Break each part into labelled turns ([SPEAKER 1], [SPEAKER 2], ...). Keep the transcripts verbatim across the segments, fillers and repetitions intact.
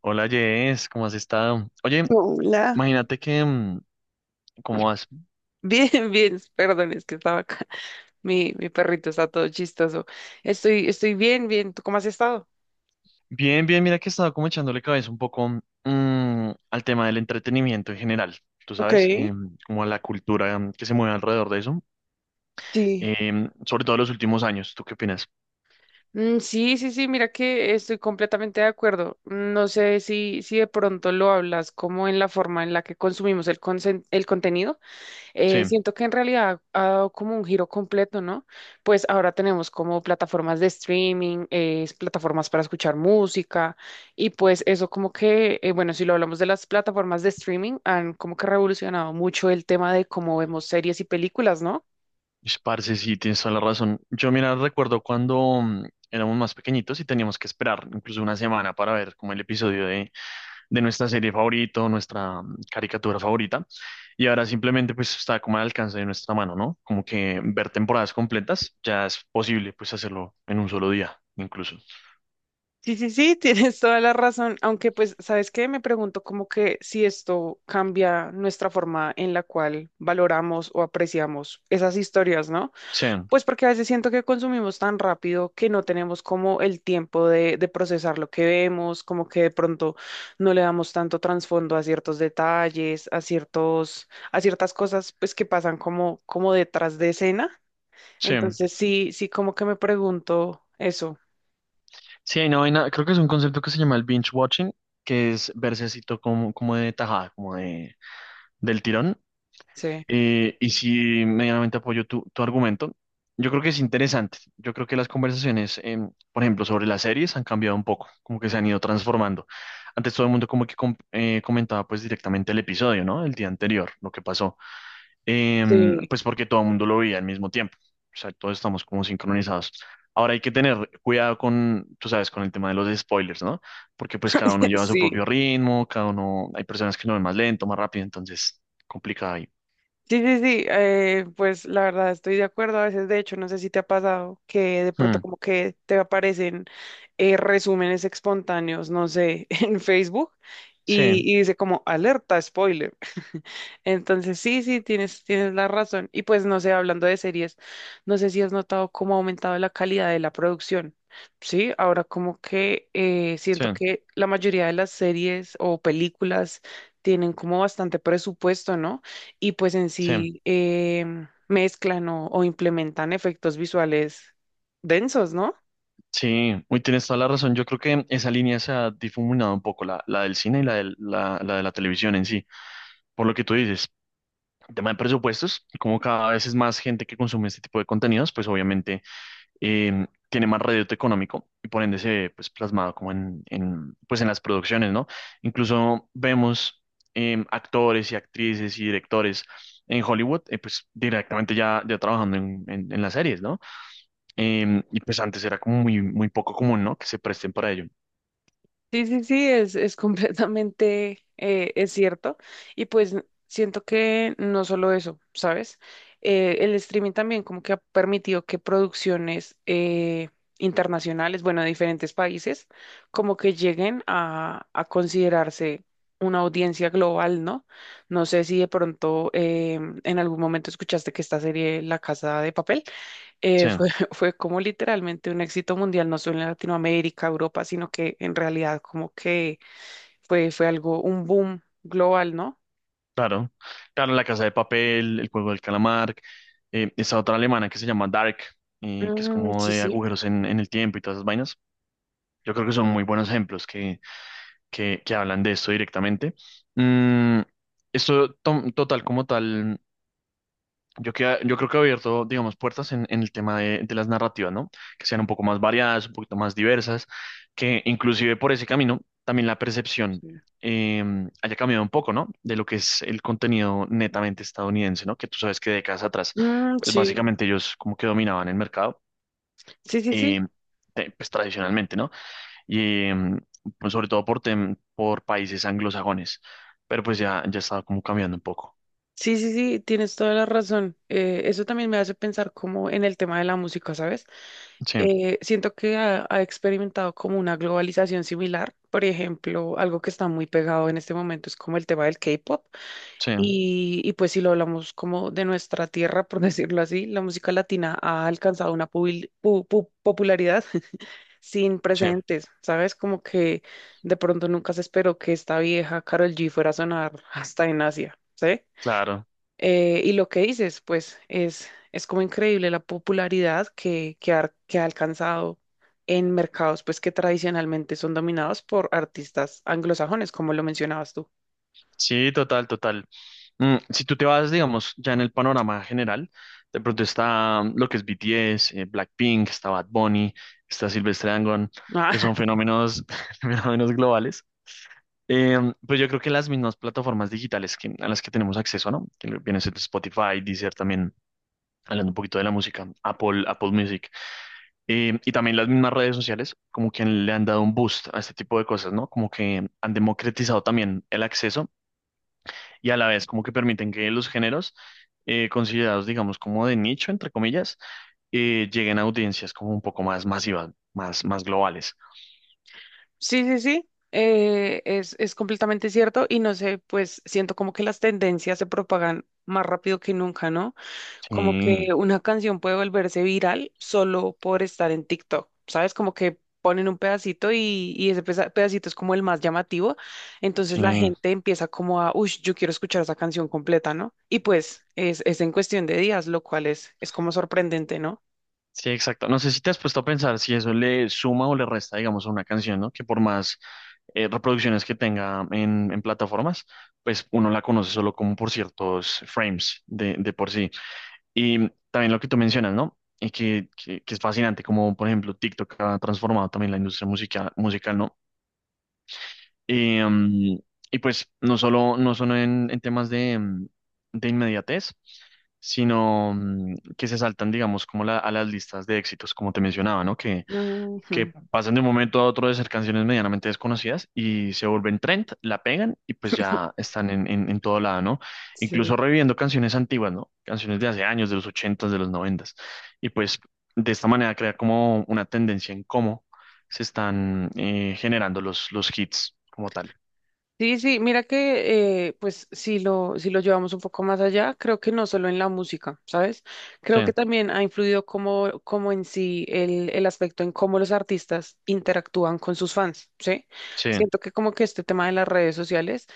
[SPEAKER 1] Hola Jess, ¿cómo has estado? Oye,
[SPEAKER 2] Hola.
[SPEAKER 1] imagínate que, mm, ¿cómo vas?
[SPEAKER 2] Bien, bien, perdón, es que estaba acá. Mi, mi perrito está todo chistoso. Estoy, estoy bien, bien. ¿Tú cómo has estado?
[SPEAKER 1] Bien, bien, mira que he estado como echándole cabeza un poco mm, al tema del entretenimiento en general, tú
[SPEAKER 2] Ok,
[SPEAKER 1] sabes, Em, como a la cultura mm, que se mueve alrededor de eso.
[SPEAKER 2] sí.
[SPEAKER 1] Em, sobre todo en los últimos años, ¿tú qué opinas?
[SPEAKER 2] Mm, sí, sí, sí, mira que estoy completamente de acuerdo. No sé si, si de pronto lo hablas como en la forma en la que consumimos el, consen- el contenido.
[SPEAKER 1] Sí,
[SPEAKER 2] Eh, siento que en realidad ha dado como un giro completo, ¿no? Pues ahora tenemos como plataformas de streaming, eh, plataformas para escuchar música y pues eso como que, eh, bueno, si lo hablamos de las plataformas de streaming, han como que revolucionado mucho el tema de cómo vemos series y películas, ¿no?
[SPEAKER 1] pues, parce, sí, tienes toda la razón. Yo, mira, recuerdo cuando mm, éramos más pequeñitos y teníamos que esperar incluso una semana para ver como el episodio de, de nuestra serie favorita, o nuestra mm, caricatura favorita. Y ahora simplemente pues está como al alcance de nuestra mano, ¿no? Como que ver temporadas completas ya es posible pues hacerlo en un solo día, incluso.
[SPEAKER 2] Sí, sí, sí, tienes toda la razón, aunque pues, ¿sabes qué? Me pregunto como que si esto cambia nuestra forma en la cual valoramos o apreciamos esas historias, ¿no?
[SPEAKER 1] Sí,
[SPEAKER 2] Pues porque a veces siento que consumimos tan rápido que no tenemos como el tiempo de, de procesar lo que vemos, como que de pronto no le damos tanto trasfondo a ciertos detalles, a ciertos, a ciertas cosas pues que pasan como, como detrás de escena.
[SPEAKER 1] sí.
[SPEAKER 2] Entonces sí, sí como que me pregunto eso.
[SPEAKER 1] Sí, hay una vaina, creo que es un concepto que se llama el binge watching, que es verse así todo como, como de tajada, como de, del tirón.
[SPEAKER 2] Sí,
[SPEAKER 1] Eh, y si medianamente apoyo tu, tu argumento, yo creo que es interesante. Yo creo que las conversaciones, em, por ejemplo, sobre las series han cambiado un poco, como que se han ido transformando. Antes todo el mundo como que com- eh, comentaba pues directamente el episodio, ¿no? El día anterior, lo que pasó. Em,
[SPEAKER 2] sí,
[SPEAKER 1] pues porque todo el mundo lo veía al mismo tiempo. O sea, todos estamos como sincronizados. Ahora hay que tener cuidado con, tú sabes, con el tema de los spoilers, ¿no? Porque pues cada uno lleva su
[SPEAKER 2] sí.
[SPEAKER 1] propio ritmo, cada uno, hay personas que lo ven más lento, más rápido, entonces complicado ahí.
[SPEAKER 2] Sí, sí, sí, eh, pues la verdad estoy de acuerdo. A veces, de hecho, no sé si te ha pasado que de
[SPEAKER 1] Hmm.
[SPEAKER 2] pronto como que te aparecen eh, resúmenes espontáneos, no sé, en Facebook
[SPEAKER 1] Sí,
[SPEAKER 2] y, y dice como alerta, spoiler. Entonces, sí, sí, tienes, tienes la razón. Y pues, no sé, hablando de series, no sé si has notado cómo ha aumentado la calidad de la producción. Sí, ahora como que eh,
[SPEAKER 1] sí,
[SPEAKER 2] siento que la mayoría de las series o películas tienen como bastante presupuesto, ¿no? Y pues en
[SPEAKER 1] sí,
[SPEAKER 2] sí em, mezclan o, o implementan efectos visuales densos, ¿no?
[SPEAKER 1] sí. Uy, tienes toda la razón. Yo creo que esa línea se ha difuminado un poco, la, la del cine y la, del- la, la de la televisión en sí. Por lo que tú dices, el tema de presupuestos, como cada vez es más gente que consume este tipo de contenidos, pues obviamente eh, tiene más reducto económico y por ende se ve pues, plasmado como en, en, pues, en las producciones, ¿no? Incluso vemos eh, actores y actrices y directores en Hollywood, eh, pues directamente ya, ya trabajando en, en en las series, ¿no? Em, y pues antes era como muy, muy poco común, ¿no? Que se presten para ello.
[SPEAKER 2] Sí, sí, sí, es, es completamente, eh, es cierto. Y pues siento que no solo eso, ¿sabes? Eh, el streaming también como que ha permitido que producciones eh, internacionales, bueno, de diferentes países, como que lleguen a, a considerarse una audiencia global, ¿no? No sé si de pronto em, en algún momento escuchaste que esta serie La Casa de Papel
[SPEAKER 1] Sí,
[SPEAKER 2] eh, fue, fue como literalmente un éxito mundial, no solo en Latinoamérica, Europa, sino que en realidad como que fue, fue algo, un boom global, ¿no?
[SPEAKER 1] claro. Claro, La Casa de Papel, El Juego del Calamar, eh, esa otra alemana que se llama Dark, eh, que es
[SPEAKER 2] Mm,
[SPEAKER 1] como
[SPEAKER 2] sí,
[SPEAKER 1] de
[SPEAKER 2] sí.
[SPEAKER 1] agujeros en, en el tiempo y todas esas vainas. Yo creo que son muy buenos ejemplos que, que, que hablan de esto directamente. Mm, esto, to- total como tal. Yo, que, yo creo que ha abierto, digamos, puertas en, en el tema de, de las narrativas, ¿no? Que sean un poco más variadas, un poquito más diversas, que inclusive por ese camino también la percepción
[SPEAKER 2] Sí.
[SPEAKER 1] eh, haya cambiado un poco, ¿no? De lo que es el contenido netamente estadounidense, ¿no? Que tú sabes que décadas atrás,
[SPEAKER 2] Mm,
[SPEAKER 1] pues
[SPEAKER 2] sí,
[SPEAKER 1] básicamente ellos como que dominaban el mercado,
[SPEAKER 2] sí, sí, sí,
[SPEAKER 1] eh, te- pues tradicionalmente, ¿no? Y eh, pues, sobre todo por, tem- por países anglosajones, pero pues ya, ya estaba como cambiando un poco.
[SPEAKER 2] sí, sí, sí, tienes toda la razón. Eh, eso también me hace pensar como en el tema de la música, ¿sabes?
[SPEAKER 1] Sí,
[SPEAKER 2] Eh, siento que ha, ha experimentado como una globalización similar. Por ejemplo, algo que está muy pegado en este momento es como el tema del K-pop.
[SPEAKER 1] sí,
[SPEAKER 2] Y, y pues si lo hablamos como de nuestra tierra, por decirlo así, la música latina ha alcanzado una pubil- pu- pu- popularidad sin
[SPEAKER 1] sí,
[SPEAKER 2] precedentes, ¿sabes? Como que de pronto nunca se esperó que esta vieja Karol G fuera a sonar hasta en Asia, ¿sí?
[SPEAKER 1] claro.
[SPEAKER 2] Eh, y lo que dices, pues es, es como increíble la popularidad que, que, ha, que ha alcanzado en mercados pues que tradicionalmente son dominados por artistas anglosajones, como lo mencionabas tú.
[SPEAKER 1] Sí, total, total. Mm, si tú te vas, digamos, ya en el panorama general, de pronto está mm, lo que es B T S, eh, Blackpink, está Bad Bunny, está Silvestre Dangond, que son fenómenos, fenómenos globales. Eh, pues yo creo que las mismas plataformas digitales que, a las que tenemos acceso, ¿no? Que viene siendo Spotify, Deezer también, hablando un poquito de la música, Apple, Apple Music, eh, y también las mismas redes sociales, como que le han dado un boost a este tipo de cosas, ¿no? Como que han democratizado también el acceso y a la vez como que permiten que los géneros eh, considerados, digamos, como de nicho, entre comillas, eh, lleguen a audiencias como un poco más masivas, más, más globales.
[SPEAKER 2] Sí, sí, sí, eh, es, es completamente cierto y no sé, pues siento como que las tendencias se propagan más rápido que nunca, ¿no? Como que
[SPEAKER 1] Sí,
[SPEAKER 2] una canción puede volverse viral solo por estar en TikTok, ¿sabes? Como que ponen un pedacito y, y ese pesa- pedacito es como el más llamativo, entonces la
[SPEAKER 1] sí,
[SPEAKER 2] gente empieza como a, uy, yo quiero escuchar esa canción completa, ¿no? Y pues es, es en cuestión de días, lo cual es, es como sorprendente, ¿no?
[SPEAKER 1] sí, exacto. No sé si te has puesto a pensar si eso le suma o le resta, digamos, a una canción, ¿no? Que por más eh, reproducciones que tenga en, en plataformas, pues uno la conoce solo como por ciertos frames de, de por sí. Y también lo que tú mencionas, ¿no? Y que, que, que es fascinante, como por ejemplo TikTok ha transformado también la industria musical, musical, ¿no? Y, mm, y pues no solo, no solo en, en temas de, mm, de inmediatez, sino mm, que se saltan, digamos, como la- a las listas de éxitos, como te mencionaba, ¿no? Que, que
[SPEAKER 2] Ujú.
[SPEAKER 1] pasan de un momento a otro de ser canciones medianamente desconocidas y se vuelven trend, la pegan y pues ya están en, en, en todo lado, ¿no?
[SPEAKER 2] Sí.
[SPEAKER 1] Incluso reviviendo canciones antiguas, ¿no? Canciones de hace años, de los ochentas, de los noventas. Y pues de esta manera crear como una tendencia en cómo se están eh, generando los, los hits como tal.
[SPEAKER 2] Sí, sí, mira que eh, pues si lo, si lo llevamos un poco más allá, creo que no solo en la música, ¿sabes?
[SPEAKER 1] Sí,
[SPEAKER 2] Creo que también ha influido como, como en sí el, el aspecto en cómo los artistas interactúan con sus fans, ¿sí?
[SPEAKER 1] sí,
[SPEAKER 2] Siento que como que este tema de las redes sociales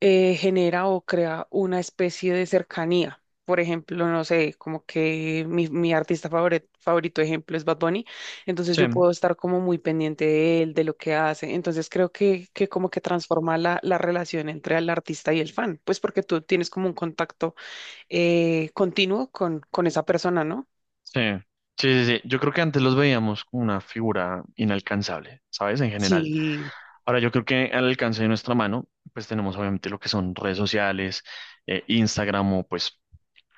[SPEAKER 2] eh, genera o crea una especie de cercanía. Por ejemplo, no sé, como que mi, mi artista favore- favorito, ejemplo, es Bad Bunny, entonces
[SPEAKER 1] sí,
[SPEAKER 2] yo puedo estar como muy pendiente de él, de lo que hace. Entonces creo que, que como que transforma la, la relación entre el artista y el fan, pues porque tú tienes como un contacto eh, continuo con, con esa persona, ¿no?
[SPEAKER 1] sí, sí, sí, sí. Yo creo que antes los veíamos como una figura inalcanzable, ¿sabes? En general.
[SPEAKER 2] Sí,
[SPEAKER 1] Ahora yo creo que al alcance de nuestra mano, pues tenemos obviamente lo que son redes sociales, eh, Instagram o pues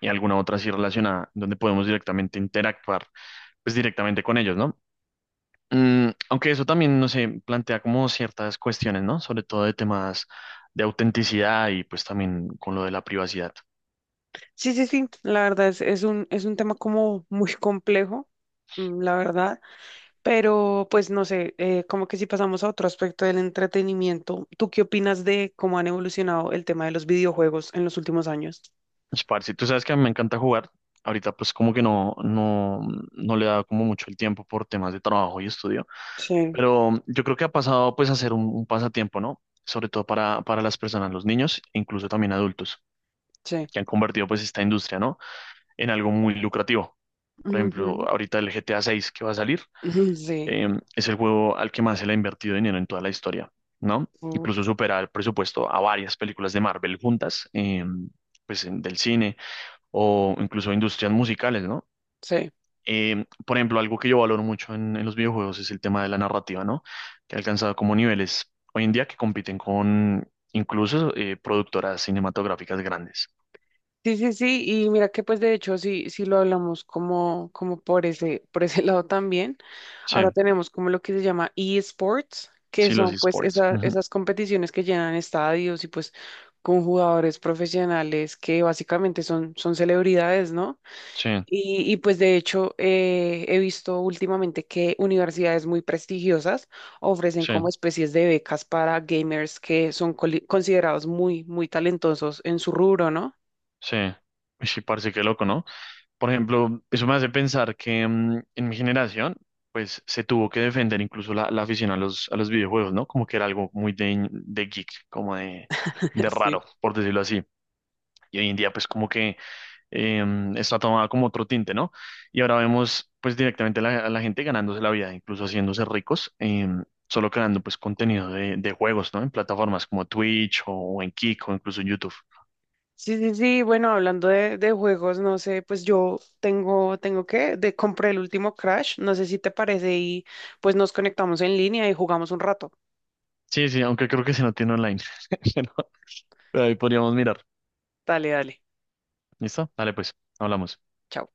[SPEAKER 1] y alguna otra así relacionada, donde podemos directamente interactuar, pues directamente con ellos, ¿no? Mm, aunque eso también, no sé, plantea como ciertas cuestiones, ¿no? Sobre todo de temas de autenticidad y pues también con lo de la privacidad.
[SPEAKER 2] sí, sí, sí, la verdad es, es un, es un tema como muy complejo, mm, la verdad. Pero pues no sé, eh, como que si pasamos a otro aspecto del entretenimiento, ¿tú qué opinas de cómo han evolucionado el tema de los videojuegos en los últimos años?
[SPEAKER 1] Pues, Parce, tú sabes que a mí me encanta jugar. Ahorita pues como que no, no, no le da como mucho el tiempo por temas de trabajo y estudio.
[SPEAKER 2] Sí,
[SPEAKER 1] Pero yo creo que ha pasado pues a ser un, un pasatiempo, ¿no? Sobre todo para, para las personas, los niños, e incluso también adultos,
[SPEAKER 2] sí.
[SPEAKER 1] que han convertido pues esta industria, ¿no? En algo muy lucrativo. Por
[SPEAKER 2] Ujú.
[SPEAKER 1] ejemplo, ahorita el G T A seis que va a salir,
[SPEAKER 2] Sí,
[SPEAKER 1] eh, es el juego al que más se le ha invertido dinero en toda la historia, ¿no?
[SPEAKER 2] uf,
[SPEAKER 1] Incluso supera el presupuesto a varias películas de Marvel juntas, eh, pues en- del cine o incluso industrias musicales, ¿no?
[SPEAKER 2] sí.
[SPEAKER 1] Eh, por ejemplo, algo que yo valoro mucho en, en los videojuegos es el tema de la narrativa, ¿no? Que ha alcanzado como niveles hoy en día que compiten con incluso eh, productoras cinematográficas grandes.
[SPEAKER 2] Sí, sí, sí, y mira que pues de hecho sí, sí lo hablamos como, como por ese, por ese lado también.
[SPEAKER 1] Sí,
[SPEAKER 2] Ahora tenemos como lo que se llama eSports, que
[SPEAKER 1] sí, los
[SPEAKER 2] son pues
[SPEAKER 1] esports.
[SPEAKER 2] esa-
[SPEAKER 1] Ujú.
[SPEAKER 2] esas competiciones que llenan estadios y pues con jugadores profesionales que básicamente son, son celebridades, ¿no?
[SPEAKER 1] Sí,
[SPEAKER 2] Y, y, pues de hecho eh, he visto últimamente que universidades muy prestigiosas ofrecen como
[SPEAKER 1] sí,
[SPEAKER 2] especies de becas para gamers que son coli- considerados muy, muy talentosos en su rubro, ¿no?
[SPEAKER 1] sí. Uy, sí, parece que loco, ¿no? Por ejemplo, eso me hace pensar que mm, en mi generación, pues se tuvo que defender incluso la, la afición a los, a los videojuegos, ¿no? Como que era algo muy de, de geek, como de, de
[SPEAKER 2] Sí.
[SPEAKER 1] raro, por decirlo así. Y hoy en día pues como que eh, está tomada como otro tinte, ¿no? Y ahora vemos pues directamente a la, a la gente ganándose la vida, incluso haciéndose ricos, eh, solo creando pues contenido de, de juegos, ¿no? En plataformas como Twitch o, o en Kick o incluso en YouTube.
[SPEAKER 2] Sí, sí, sí, bueno, hablando de, de juegos, no sé, pues yo tengo, tengo que, de, compré el último Crash, no sé si te parece y pues nos conectamos en línea y jugamos un rato.
[SPEAKER 1] Sí, sí, aunque creo que se no tiene online, pero pero ahí podríamos mirar.
[SPEAKER 2] Dale, dale.
[SPEAKER 1] ¿Listo? Dale pues, hablamos.
[SPEAKER 2] Chao.